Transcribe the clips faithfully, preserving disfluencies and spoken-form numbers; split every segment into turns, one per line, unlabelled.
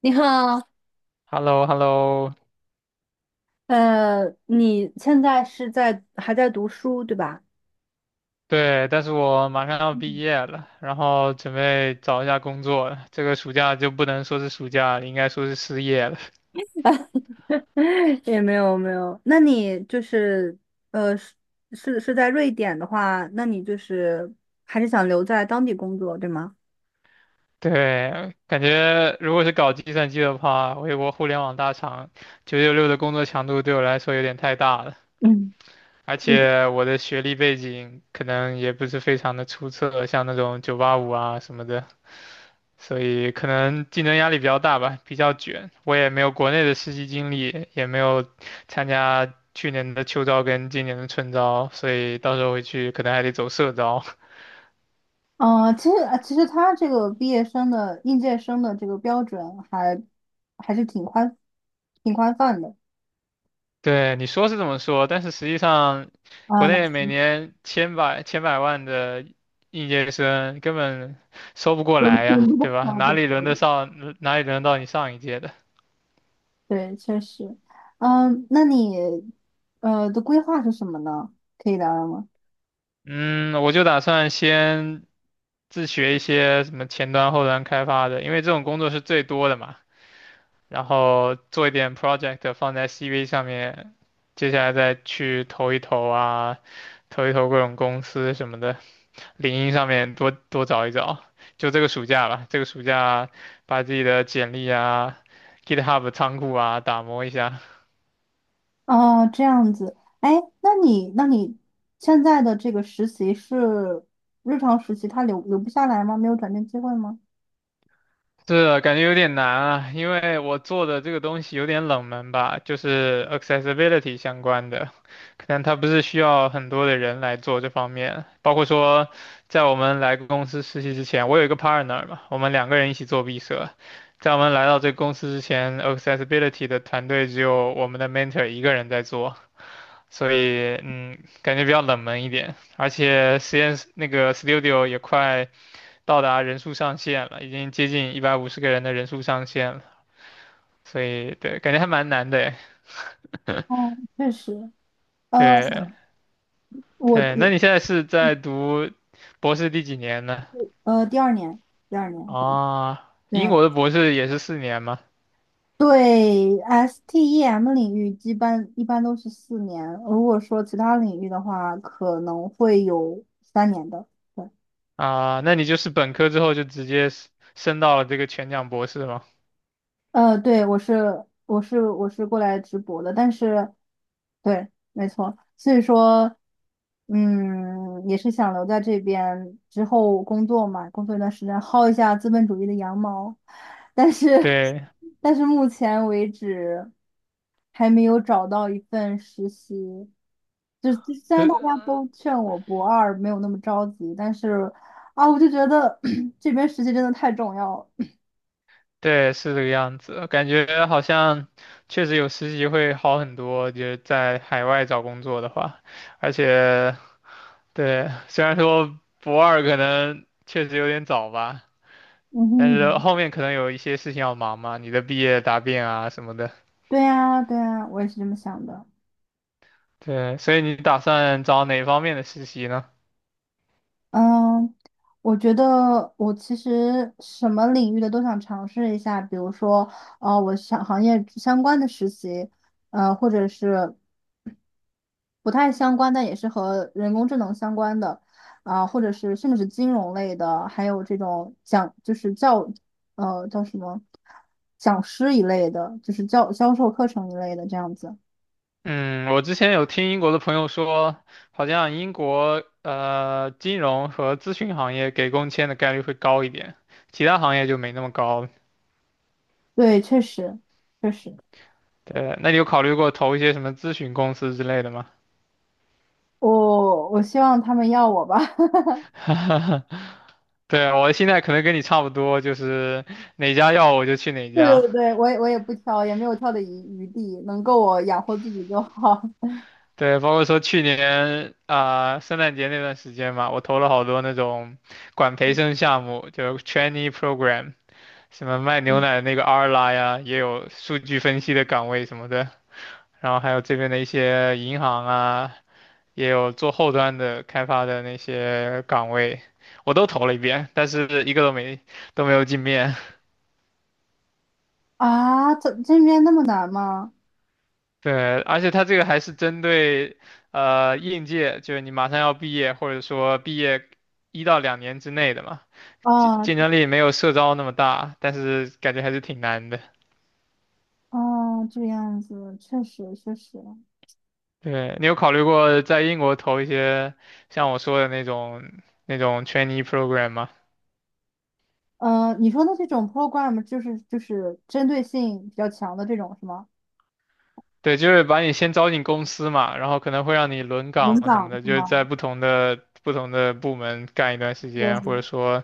你好。
h e l l o h e l l o
呃，你现在是在还在读书对吧？
对，但是我马上要毕
嗯
业了，然后准备找一下工作了，这个暑假就不能说是暑假了，应该说是失业了。
也没有没有，那你就是呃是是是在瑞典的话，那你就是还是想留在当地工作对吗？
对，感觉如果是搞计算机的话，微博互联网大厂九九六的工作强度对我来说有点太大了，
嗯。
而且我的学历背景可能也不是非常的出色，像那种九八五啊什么的。所以可能竞争压力比较大吧，比较卷。我也没有国内的实习经历，也没有参加去年的秋招跟今年的春招，所以到时候回去可能还得走社招。
呃，其实呃其实他这个毕业生的应届生的这个标准还还是挺宽挺宽泛的。
对，你说是这么说，但是实际上，国
啊，那
内每
行。
年千百千百万的应届生根本收不过
分
来
数
呀，
不
对吧？
好
哪
的。
里轮得 上，哪里轮得到你上一届的？
对，确实。嗯。那你呃的规划是什么呢？可以聊聊吗？
嗯，我就打算先自学一些什么前端、后端开发的，因为这种工作是最多的嘛。然后做一点 project 放在 C V 上面，接下来再去投一投啊，投一投各种公司什么的，领英上面多多找一找。就这个暑假吧，这个暑假把自己的简历啊、GitHub 仓库啊打磨一下。
哦，这样子，哎，那你那你现在的这个实习是日常实习，它留留不下来吗？没有转正机会吗？
是的，感觉有点难啊，因为我做的这个东西有点冷门吧，就是 accessibility 相关的，可能它不是需要很多的人来做这方面，包括说在我们来公司实习之前，我有一个 partner 嘛，我们两个人一起做毕设，在我们来到这个公司之前，accessibility 的团队只有我们的 mentor 一个人在做，所以嗯，感觉比较冷门一点，而且实验室那个 studio 也快。到达人数上限了，已经接近一百五十个人的人数上限了，所以对，感觉还蛮难的诶。
哦，确实。呃，
对对，那你
我
现在是在读博士第几年呢？
呃第二年，第二年。对
啊，英
对
国的博士也是四年吗？
对，STEM 领域一般一般都是四年，如果说其他领域的话，可能会有三年的。对
啊，那你就是本科之后就直接是升到了这个全奖博士吗？
呃，对。我是我是我是过来直播的。但是，对，没错。所以说，嗯，也是想留在这边之后工作嘛，工作一段时间，薅一下资本主义的羊毛。但是，
对
但是目前为止还没有找到一份实习。就就虽然
对
大家都劝我博二没有那么着急，但是啊，我就觉得 这边实习真的太重要了。
对，是这个样子，感觉好像确实有实习会好很多，就是在海外找工作的话，而且对，虽然说博二可能确实有点早吧，
嗯
但是
哼。
后面可能有一些事情要忙嘛，你的毕业答辩啊什么的。
对呀，对呀，我也是这么想的。
对，所以你打算找哪方面的实习呢？
嗯。我觉得我其实什么领域的都想尝试一下。比如说，呃，我想行业相关的实习，呃，或者是不太相关，但也是和人工智能相关的。啊，或者是甚至是金融类的，还有这种讲就是教，呃，叫什么讲师一类的，就是教销售课程一类的这样子。
嗯，我之前有听英国的朋友说，好像英国呃金融和咨询行业给工签的概率会高一点，其他行业就没那么高。
对，确实，确实。
对，那你有考虑过投一些什么咨询公司之类的吗？
我我希望他们要我吧。
对，我现在可能跟你差不多，就是哪家要我就去哪
对
家。
对对。我也我也不挑，也没有挑的余余地，能够我养活自己就好。
对，包括说去年啊、圣诞节那段时间嘛，我投了好多那种管培生项目，就是 trainee program，什么卖牛奶的那个 Arla 呀，也有数据分析的岗位什么的，然后还有这边的一些银行啊，也有做后端的开发的那些岗位，我都投了一遍，但是一个都没都没有进面。
啊，这这边那么难吗？
对，而且它这个还是针对呃应届，就是你马上要毕业，或者说毕业一到两年之内的嘛。竞
啊
竞争力没有社招那么大，但是感觉还是挺难的。
啊，这个样子确实确实。
对，你有考虑过在英国投一些像我说的那种那种 trainee program 吗？
嗯，你说的这种 program 就是就是针对性比较强的这种是吗？
对，就是把你先招进公司嘛，然后可能会让你轮
轮
岗什么
岗
的，
是
就是在
吗？
不同的不同的部门干一段时间，
对。
或者说，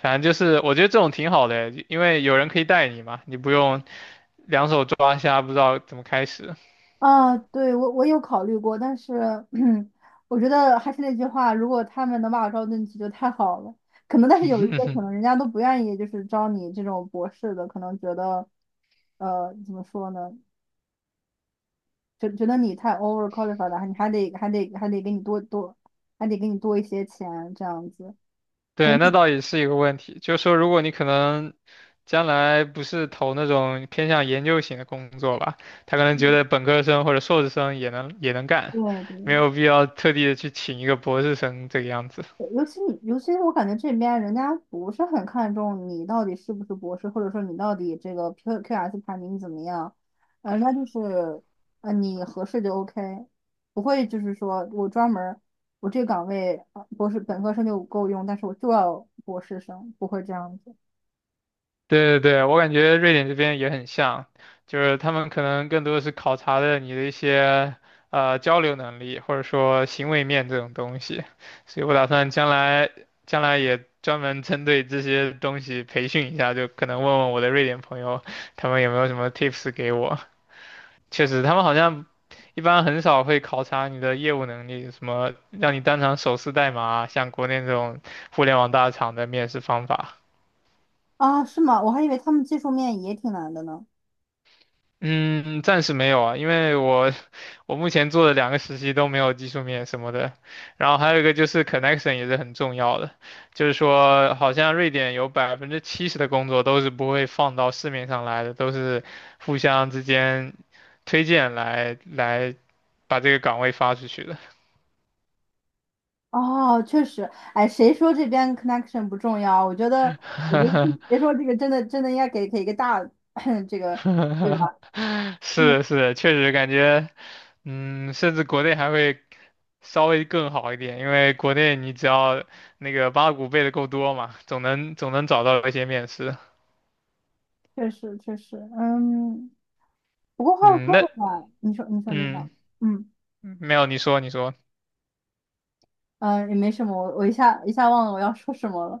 反正就是我觉得这种挺好的，因为有人可以带你嘛，你不用两手抓瞎，不知道怎么开始。
啊，对。我我有考虑过，但是 我觉得还是那句话，如果他们能把我招进去就太好了。可能，但是有一些可能人家都不愿意，就是招你这种博士的，可能觉得，呃，怎么说呢？觉觉得你太 over qualified 了，你还得还得还得给你多多，还得给你多一些钱这样子。所以，
对，那倒也是一个问题。就是说，如果你可能将来不是投那种偏向研究型的工作吧，他可能觉得本科生或者硕士生也能也能干，
对
没
对。
有必要特地的去请一个博士生这个样子。
尤其你，尤其是我感觉这边人家不是很看重你到底是不是博士，或者说你到底这个 Q QS 排名怎么样。呃人家就是。呃，你合适就 OK，不会就是说我专门儿我这个岗位呃博士本科生就够用，但是我就要博士生，不会这样子。
对对对，我感觉瑞典这边也很像，就是他们可能更多的是考察的你的一些呃交流能力，或者说行为面这种东西，所以我打算将来将来也专门针对这些东西培训一下，就可能问问我的瑞典朋友，他们有没有什么 tips 给我。确实，他们好像一般很少会考察你的业务能力，什么让你当场手撕代码啊像国内这种互联网大厂的面试方法。
啊？是吗？我还以为他们技术面也挺难的呢。
嗯，暂时没有啊，因为我 我目前做的两个实习都没有技术面什么的，然后还有一个就是 connection 也是很重要的，就是说好像瑞典有百分之七十的工作都是不会放到市面上来的，都是互相之间推荐来来把这个岗位发出去的。
哦，确实，哎，谁说这边 connection 不重要？我觉得，我觉得 别说这个真的真的应该给给一个大 这个。对吧？嗯，
是是，确实感觉，嗯，甚至国内还会稍微更好一点，因为国内你只要那个八股背的够多嘛，总能总能找到一些面试。
确实确实。嗯，不过话又
嗯，
说
那
回来。你说你说你好。
嗯，
嗯
没有，你说你说，
嗯，呃也没什么。我我一下一下忘了我要说什么了。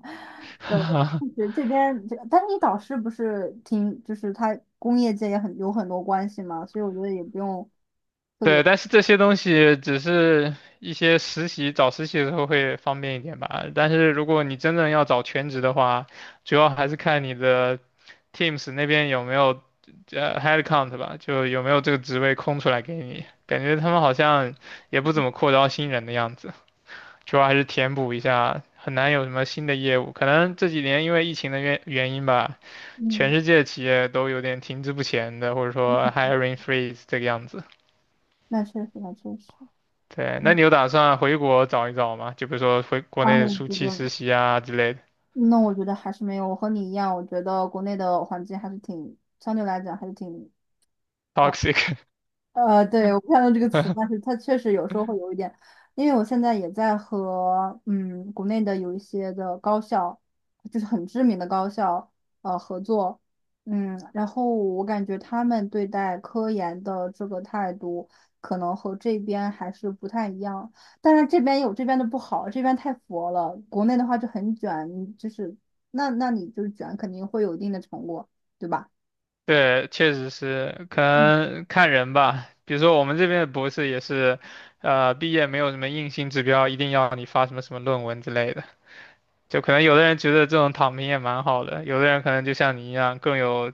对，这这边这，但是你导师不是挺，就是他工业界也很有很多关系嘛，所以我觉得也不用特别。
对，但是这些东西只是一些实习，找实习的时候会方便一点吧。但是如果你真正要找全职的话，主要还是看你的 Teams 那边有没有呃 headcount 吧，就有没有这个职位空出来给你。感觉他们好像也不怎么扩招新人的样子，主要还是填补一下，很难有什么新的业务。可能这几年因为疫情的原原因吧，全
嗯，
世界企业都有点停滞不前的，或者说 hiring freeze 这个样子。
那确实那确实，
对，那你
嗯，
有打算回国找一找吗？就比如说回国
啊，我
内暑
觉
期
得，
实习啊之类的
那我觉得还是没有，我和你一样。我觉得国内的环境还是挺，相对来讲还是挺
，toxic。
呃，对，我看到这个词，但是它确实有时候会有一点。因为我现在也在和嗯国内的有一些的高校，就是很知名的高校呃合作。嗯，然后我感觉他们对待科研的这个态度，可能和这边还是不太一样。但是这边有这边的不好，这边太佛了。国内的话就很卷，你就是那那你就是卷肯定会有一定的成果，对吧？
对，确实是，可
嗯。
能看人吧。比如说我们这边的博士也是，呃，毕业没有什么硬性指标，一定要你发什么什么论文之类的。就可能有的人觉得这种躺平也蛮好的，有的人可能就像你一样更有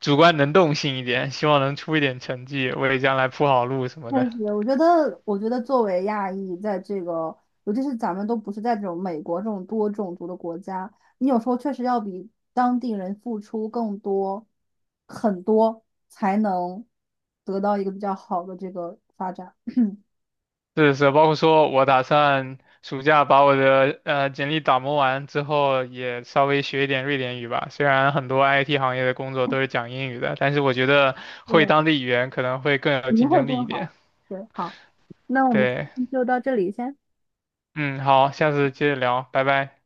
主观能动性一点，希望能出一点成绩，为将来铺好路什么的。
确实。我觉得，我觉得作为亚裔，在这个，尤其是咱们都不是在这种美国这种多种族的国家，你有时候确实要比当地人付出更多，很多，才能得到一个比较好的这个发展。
是是，包括说我打算暑假把我的呃简历打磨完之后，也稍微学一点瑞典语吧。虽然很多 I T 行业的工作都是讲英语的，但是我觉得会
对，
当地语言可能会更有
一定
竞
会
争力一
更
点。
好。对，好，那我们今
对，
天就到这里先。
嗯，好，下次接着聊，拜拜。